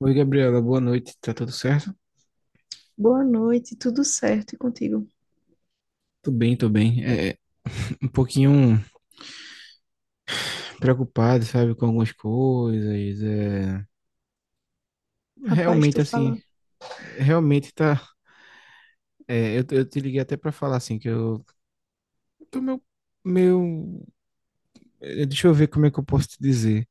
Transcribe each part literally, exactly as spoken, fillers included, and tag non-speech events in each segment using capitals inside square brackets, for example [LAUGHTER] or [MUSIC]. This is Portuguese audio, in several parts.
Oi, Gabriela, boa noite. Tá tudo certo? Boa noite, tudo certo e contigo? Tô bem, tô bem. É, um pouquinho preocupado, sabe, com algumas coisas. É, Rapaz, tu Realmente, assim, falando. realmente tá. é, eu, eu te liguei até pra falar, assim, que eu tô meio, meio. é, Deixa eu ver como é que eu posso te dizer.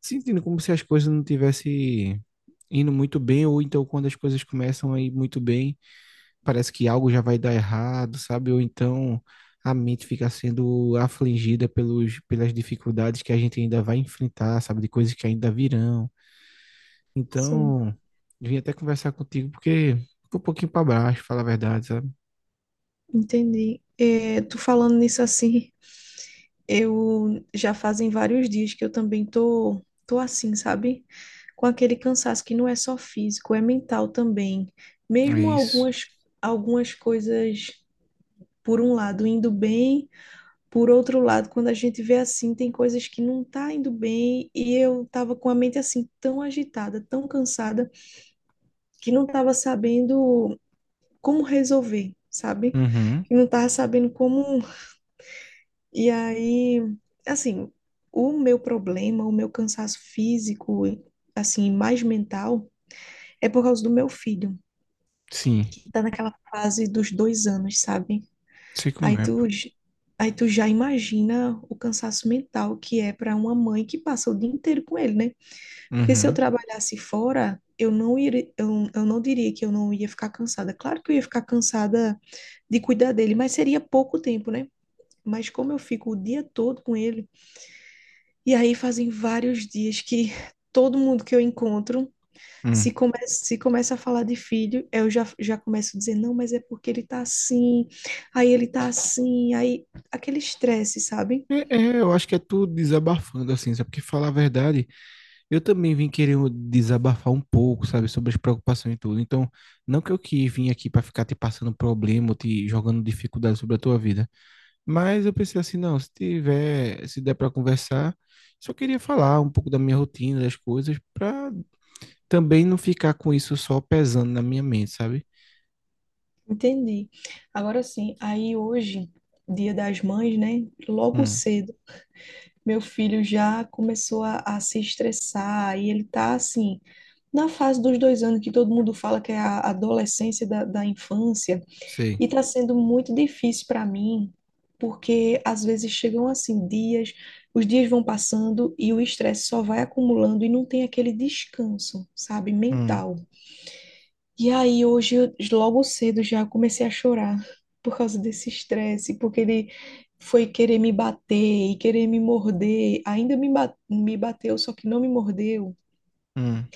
Sentindo como se as coisas não tivessem indo muito bem, ou então quando as coisas começam a ir muito bem, parece que algo já vai dar errado, sabe? Ou então a mente fica sendo afligida pelos, pelas dificuldades que a gente ainda vai enfrentar, sabe? De coisas que ainda virão. Sim, Então, vim até conversar contigo porque ficou um pouquinho para baixo, falar a verdade, sabe? entendi. É, tu falando nisso assim, eu já fazem vários dias que eu também tô, tô assim, sabe? Com aquele cansaço que não é só físico, é mental também. É Mesmo isso. algumas, algumas coisas, por um lado, indo bem, por outro lado, quando a gente vê assim, tem coisas que não tá indo bem, e eu tava com a mente assim, tão agitada, tão cansada, que não tava sabendo. Como resolver, sabe? Uhum. Que não tava sabendo como. E aí, assim, o meu problema, o meu cansaço físico, assim, mais mental, é por causa do meu filho, Sim. que tá naquela fase dos dois anos, sabe? Sei Aí como é, pô. tu, j- aí tu já imagina o cansaço mental que é para uma mãe que passa o dia inteiro com ele, né? Porque se eu Uhum. trabalhasse fora, eu não iria, eu, eu não diria que eu não ia ficar cansada. Claro que eu ia ficar cansada de cuidar dele, mas seria pouco tempo, né? Mas como eu fico o dia todo com ele, e aí fazem vários dias que todo mundo que eu encontro, se Hum. começa, se começa a falar de filho, eu já, já começo a dizer, não, mas é porque ele tá assim, aí ele tá assim, aí aquele estresse, sabe? É, é, eu acho que é tudo desabafando, assim, sabe? Porque falar a verdade, eu também vim querer desabafar um pouco, sabe, sobre as preocupações e tudo. Então, não que eu que vim aqui para ficar te passando problema, ou te jogando dificuldade sobre a tua vida, mas eu pensei assim, não, se tiver, se der para conversar, só queria falar um pouco da minha rotina, das coisas, para também não ficar com isso só pesando na minha mente, sabe? Entendi. Agora sim, aí hoje, dia das mães, né? Logo Hum, cedo, meu filho já começou a, a se estressar, e ele tá assim, na fase dos dois anos que todo mundo fala que é a adolescência da, da infância. E sei. está sendo muito difícil para mim, porque às vezes chegam assim dias, os dias vão passando e o estresse só vai acumulando e não tem aquele descanso, sabe, Hum, mental. E aí hoje, eu- logo cedo já comecei a chorar por causa desse estresse, porque ele foi querer me bater e querer me morder. Ainda me ba- me bateu, só que não me mordeu. hum,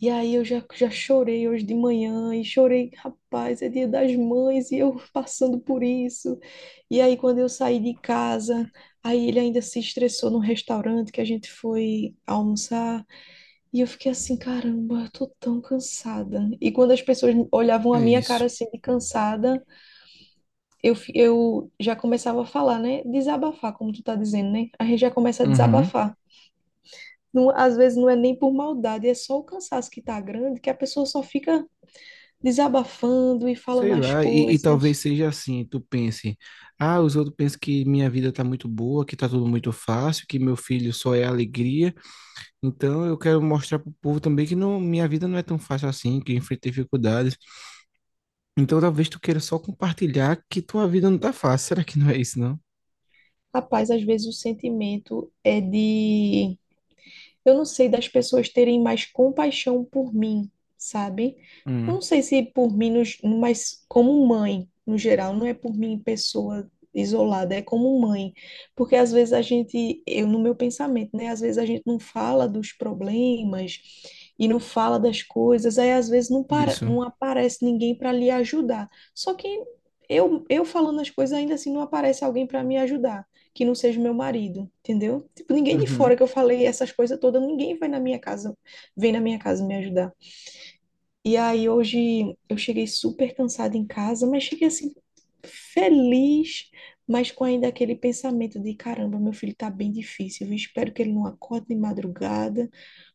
E aí eu já, já chorei hoje de manhã e chorei, rapaz, é dia das mães e eu [LAUGHS] passando por isso. E aí quando eu saí de casa, aí ele ainda se estressou no restaurante que a gente foi almoçar e eu fiquei assim, caramba, eu tô tão cansada. E quando as pessoas olhavam a é minha cara isso. assim de cansada, eu, fi- eu já começava a falar, né? Desabafar, como tu tá dizendo, né? A gente já começa a Uhum. desabafar. Não, às vezes não é nem por maldade, é só o cansaço que tá grande que a pessoa só fica desabafando e falando Sei as lá, e, e talvez coisas. seja assim, tu pense, ah, os outros pensam que minha vida tá muito boa, que tá tudo muito fácil, que meu filho só é alegria, então eu quero mostrar pro povo também que não, minha vida não é tão fácil assim, que eu enfrentei dificuldades. Então talvez tu queira só compartilhar que tua vida não tá fácil. [LAUGHS] Será que não é isso, não? Rapaz, às vezes o sentimento é de eu não sei, das pessoas terem mais compaixão por mim, sabe? Eu Hum, não sei se por mim, no ge- mas como mãe, no geral, não é por mim pessoa isolada, é como mãe. Porque às vezes a gente, eu no meu pensamento, né? Às vezes a gente não fala dos problemas e não fala das coisas, aí às vezes não, para, isso. não aparece ninguém para lhe ajudar. Só que eu, eu falando as coisas, ainda assim não aparece alguém para me ajudar que não seja o meu marido, entendeu? Tipo, ninguém de fora Uhum. que eu falei essas coisas todas, ninguém vai na minha casa, vem na minha casa me ajudar. E aí hoje eu cheguei super cansada em casa, mas cheguei assim feliz, mas com ainda aquele pensamento de caramba, meu filho tá bem difícil, eu espero que ele não acorde de madrugada,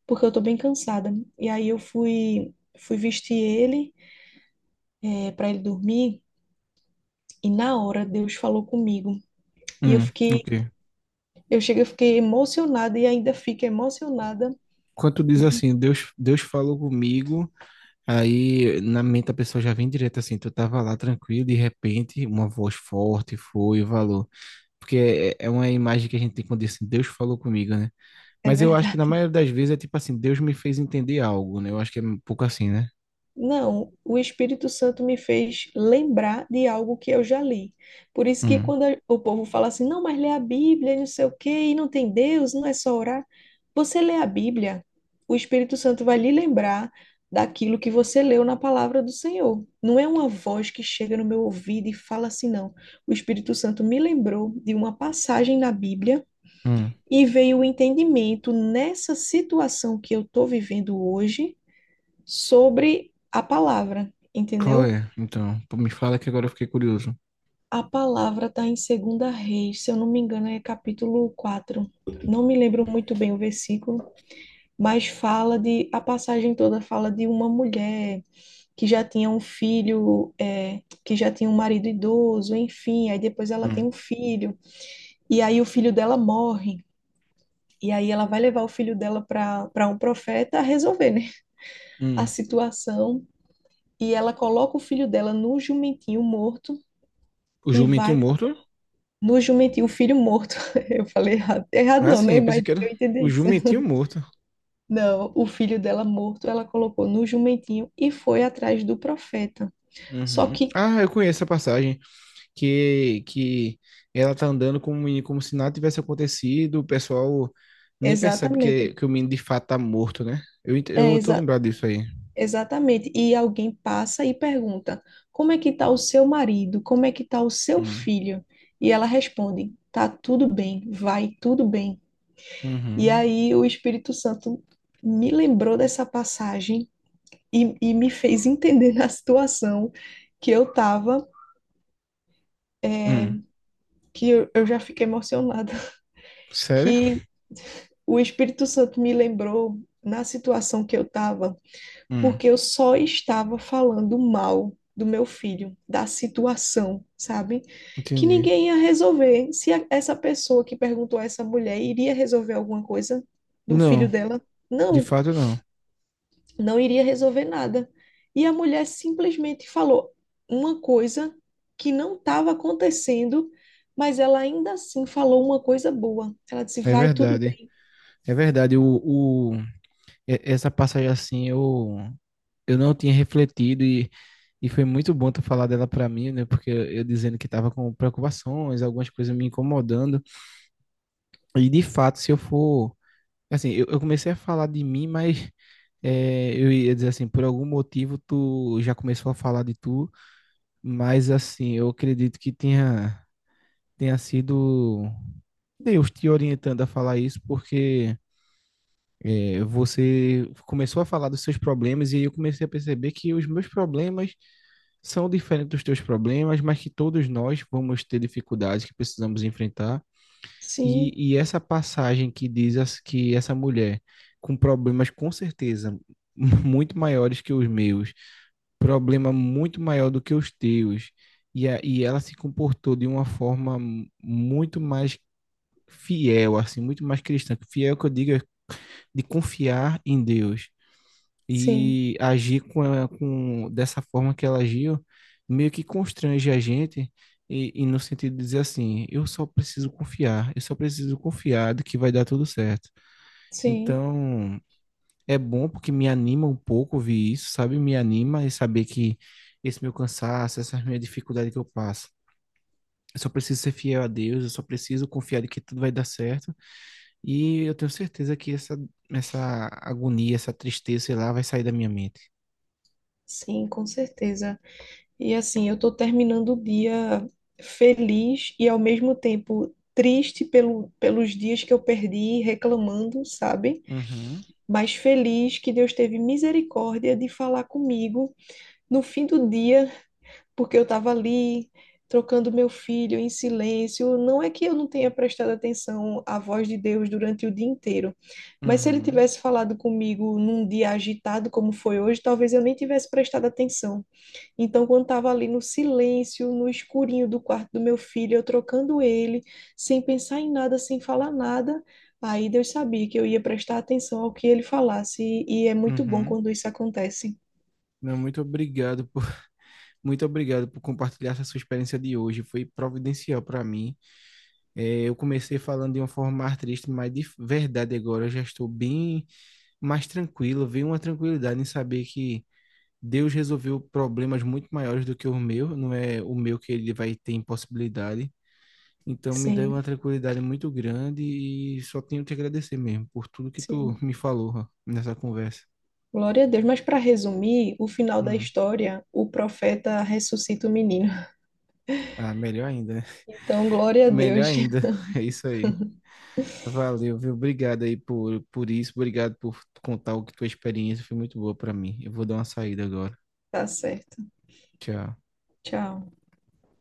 porque eu tô bem cansada. E aí eu fui fui vestir ele, é, para ele dormir, e na hora Deus falou comigo. E eu Hum, fiquei, ok. eu cheguei, eu fiquei emocionada e ainda fico emocionada. Quando tu diz E- assim, Deus, Deus falou comigo, aí na mente a pessoa já vem direto assim, tu tava lá tranquilo, de repente uma voz forte foi e falou. Porque é é é uma imagem que a gente tem quando diz assim, Deus falou comigo, né? é Mas eu acho que na verdade. maioria das vezes é tipo assim, Deus me fez entender algo, né? Eu acho que é um pouco assim, né? Não, o Espírito Santo me fez lembrar de algo que eu já li. Por isso que Hum, quando a- o povo fala assim, não, mas lê a Bíblia, e não sei o quê, e não tem Deus, não é só orar. Você lê a Bíblia, o Espírito Santo vai lhe lembrar daquilo que você leu na palavra do Senhor. Não é uma voz que chega no meu ouvido e fala assim, não. O Espírito Santo me lembrou de uma passagem na Bíblia hum. e veio o entendimento nessa situação que eu estou vivendo hoje sobre a palavra, entendeu? Chloe, então, pô, me fala que agora eu fiquei curioso. A palavra está em Segunda Reis, se eu não me engano, é capítulo quatro. Não me lembro muito bem o versículo, mas fala de, a passagem toda fala de uma mulher que já tinha um filho, é, que já tinha um marido idoso, enfim, aí depois ela tem Hum, um filho, e aí o filho dela morre. E aí ela vai levar o filho dela para para um profeta a resolver, né, a hum. situação. E ela coloca o filho dela no jumentinho morto O e Jumentinho vai. Morto? No jumentinho, o filho morto. [LAUGHS] Eu falei errado. Errado Ah, não, né? sim, pensei Mas que era eu o entendi isso. Jumentinho Morto. Não, o filho dela morto, ela colocou no jumentinho e foi atrás do profeta. Só Uhum. que, Ah, eu conheço a passagem que, que ela tá andando como, um menino, como se nada tivesse acontecido, o pessoal nem percebe exatamente, que, que o menino de fato tá morto, né? Eu, ent- é Eu tô exa lembrado disso aí. exatamente. E alguém passa e pergunta: Como é que tá o seu marido? Como é que tá o seu Hum. filho? E ela responde: Tá tudo bem, vai tudo bem. E Uhum. aí o Espírito Santo me lembrou dessa passagem e, e me fez entender na situação que eu estava, Hum. que eu, eu já fiquei emocionada, [LAUGHS] Sério? que o Espírito Santo me lembrou na situação que eu estava, Hum. porque eu só estava falando mal do meu filho, da situação, sabe? Que Entendi. ninguém ia resolver. Se a- essa pessoa que perguntou a essa mulher iria resolver alguma coisa do filho Não, dela, de não. fato não. Não iria resolver nada. E a mulher simplesmente falou uma coisa que não estava acontecendo, mas ela ainda assim falou uma coisa boa. Ela disse: É vai tudo verdade. bem. É verdade. O, o, e- Essa passagem assim, eu, eu não tinha refletido e, e foi muito bom tu falar dela pra mim, né? Porque eu, eu dizendo que tava com preocupações, algumas coisas me incomodando. E de fato, se eu for. Assim, eu, eu comecei a falar de mim, mas é, eu ia dizer assim, por algum motivo tu já começou a falar de tu, mas assim, eu acredito que tenha, tenha sido Deus te orientando a falar isso, porque é, você começou a falar dos seus problemas e aí eu comecei a perceber que os meus problemas são diferentes dos teus problemas, mas que todos nós vamos ter dificuldades que precisamos enfrentar. Sim, E, e essa passagem que diz as- que essa mulher com problemas com certeza [LAUGHS] muito maiores que os meus, problema muito maior do que os teus, e, a, e ela se comportou de uma forma muito mais fiel, assim, muito mais cristã. Fiel que eu digo é de confiar em Deus sim, e agir com, a- com dessa forma que ela agiu, meio que constrange a gente e, e no sentido de dizer assim, eu só preciso confiar, eu só preciso confiar de que vai dar tudo certo. sim, Então, é bom porque me anima um pouco ouvir isso, sabe? Me anima e saber que esse meu cansaço, essa minha dificuldade que eu passo, eu só preciso ser fiel a Deus, eu só preciso confiar de que tudo vai dar certo. E eu tenho certeza que essa, essa agonia, essa tristeza, sei lá, vai sair da minha mente. sim, com certeza. E assim, eu estou terminando o dia feliz e ao mesmo tempo triste pelo, pelos dias que eu perdi reclamando, sabe? Uhum, Mas feliz que Deus teve misericórdia de falar comigo no fim do dia porque eu estava ali trocando meu filho em silêncio. Não é que eu não tenha prestado atenção à voz de Deus durante o dia inteiro, mas se ele uhum, tivesse falado comigo num dia agitado como foi hoje, talvez eu nem tivesse prestado atenção. Então, quando estava ali no silêncio, no escurinho do quarto do meu filho, eu trocando ele, sem pensar em nada, sem falar nada. Aí Deus sabia que eu ia prestar atenção ao que ele falasse, e e é muito bom uhum. quando isso acontece. Não, muito obrigado por, [LAUGHS] muito obrigado por compartilhar essa sua experiência de hoje. Foi providencial para mim. É, eu comecei falando de uma forma mais triste, mas de verdade agora eu já estou bem mais tranquilo. Veio uma tranquilidade em saber que Deus resolveu problemas muito maiores do que o meu. Não é o meu que ele vai ter impossibilidade. Então me deu Sim, uma tranquilidade muito grande e só tenho que agradecer mesmo por tudo que tu [LAUGHS] sim. me falou ó, nessa conversa. Glória a Deus. Mas para resumir, o final da Hum. história, o profeta ressuscita o menino. Ah, melhor ainda, né? [LAUGHS] Então, glória a Melhor Deus. [LAUGHS] ainda. É isso aí. Valeu, viu? Obrigado aí por, por isso. Obrigado por contar o que tua experiência foi muito boa pra mim. Eu vou dar uma saída agora. Tá certo. Tchau. Tchau.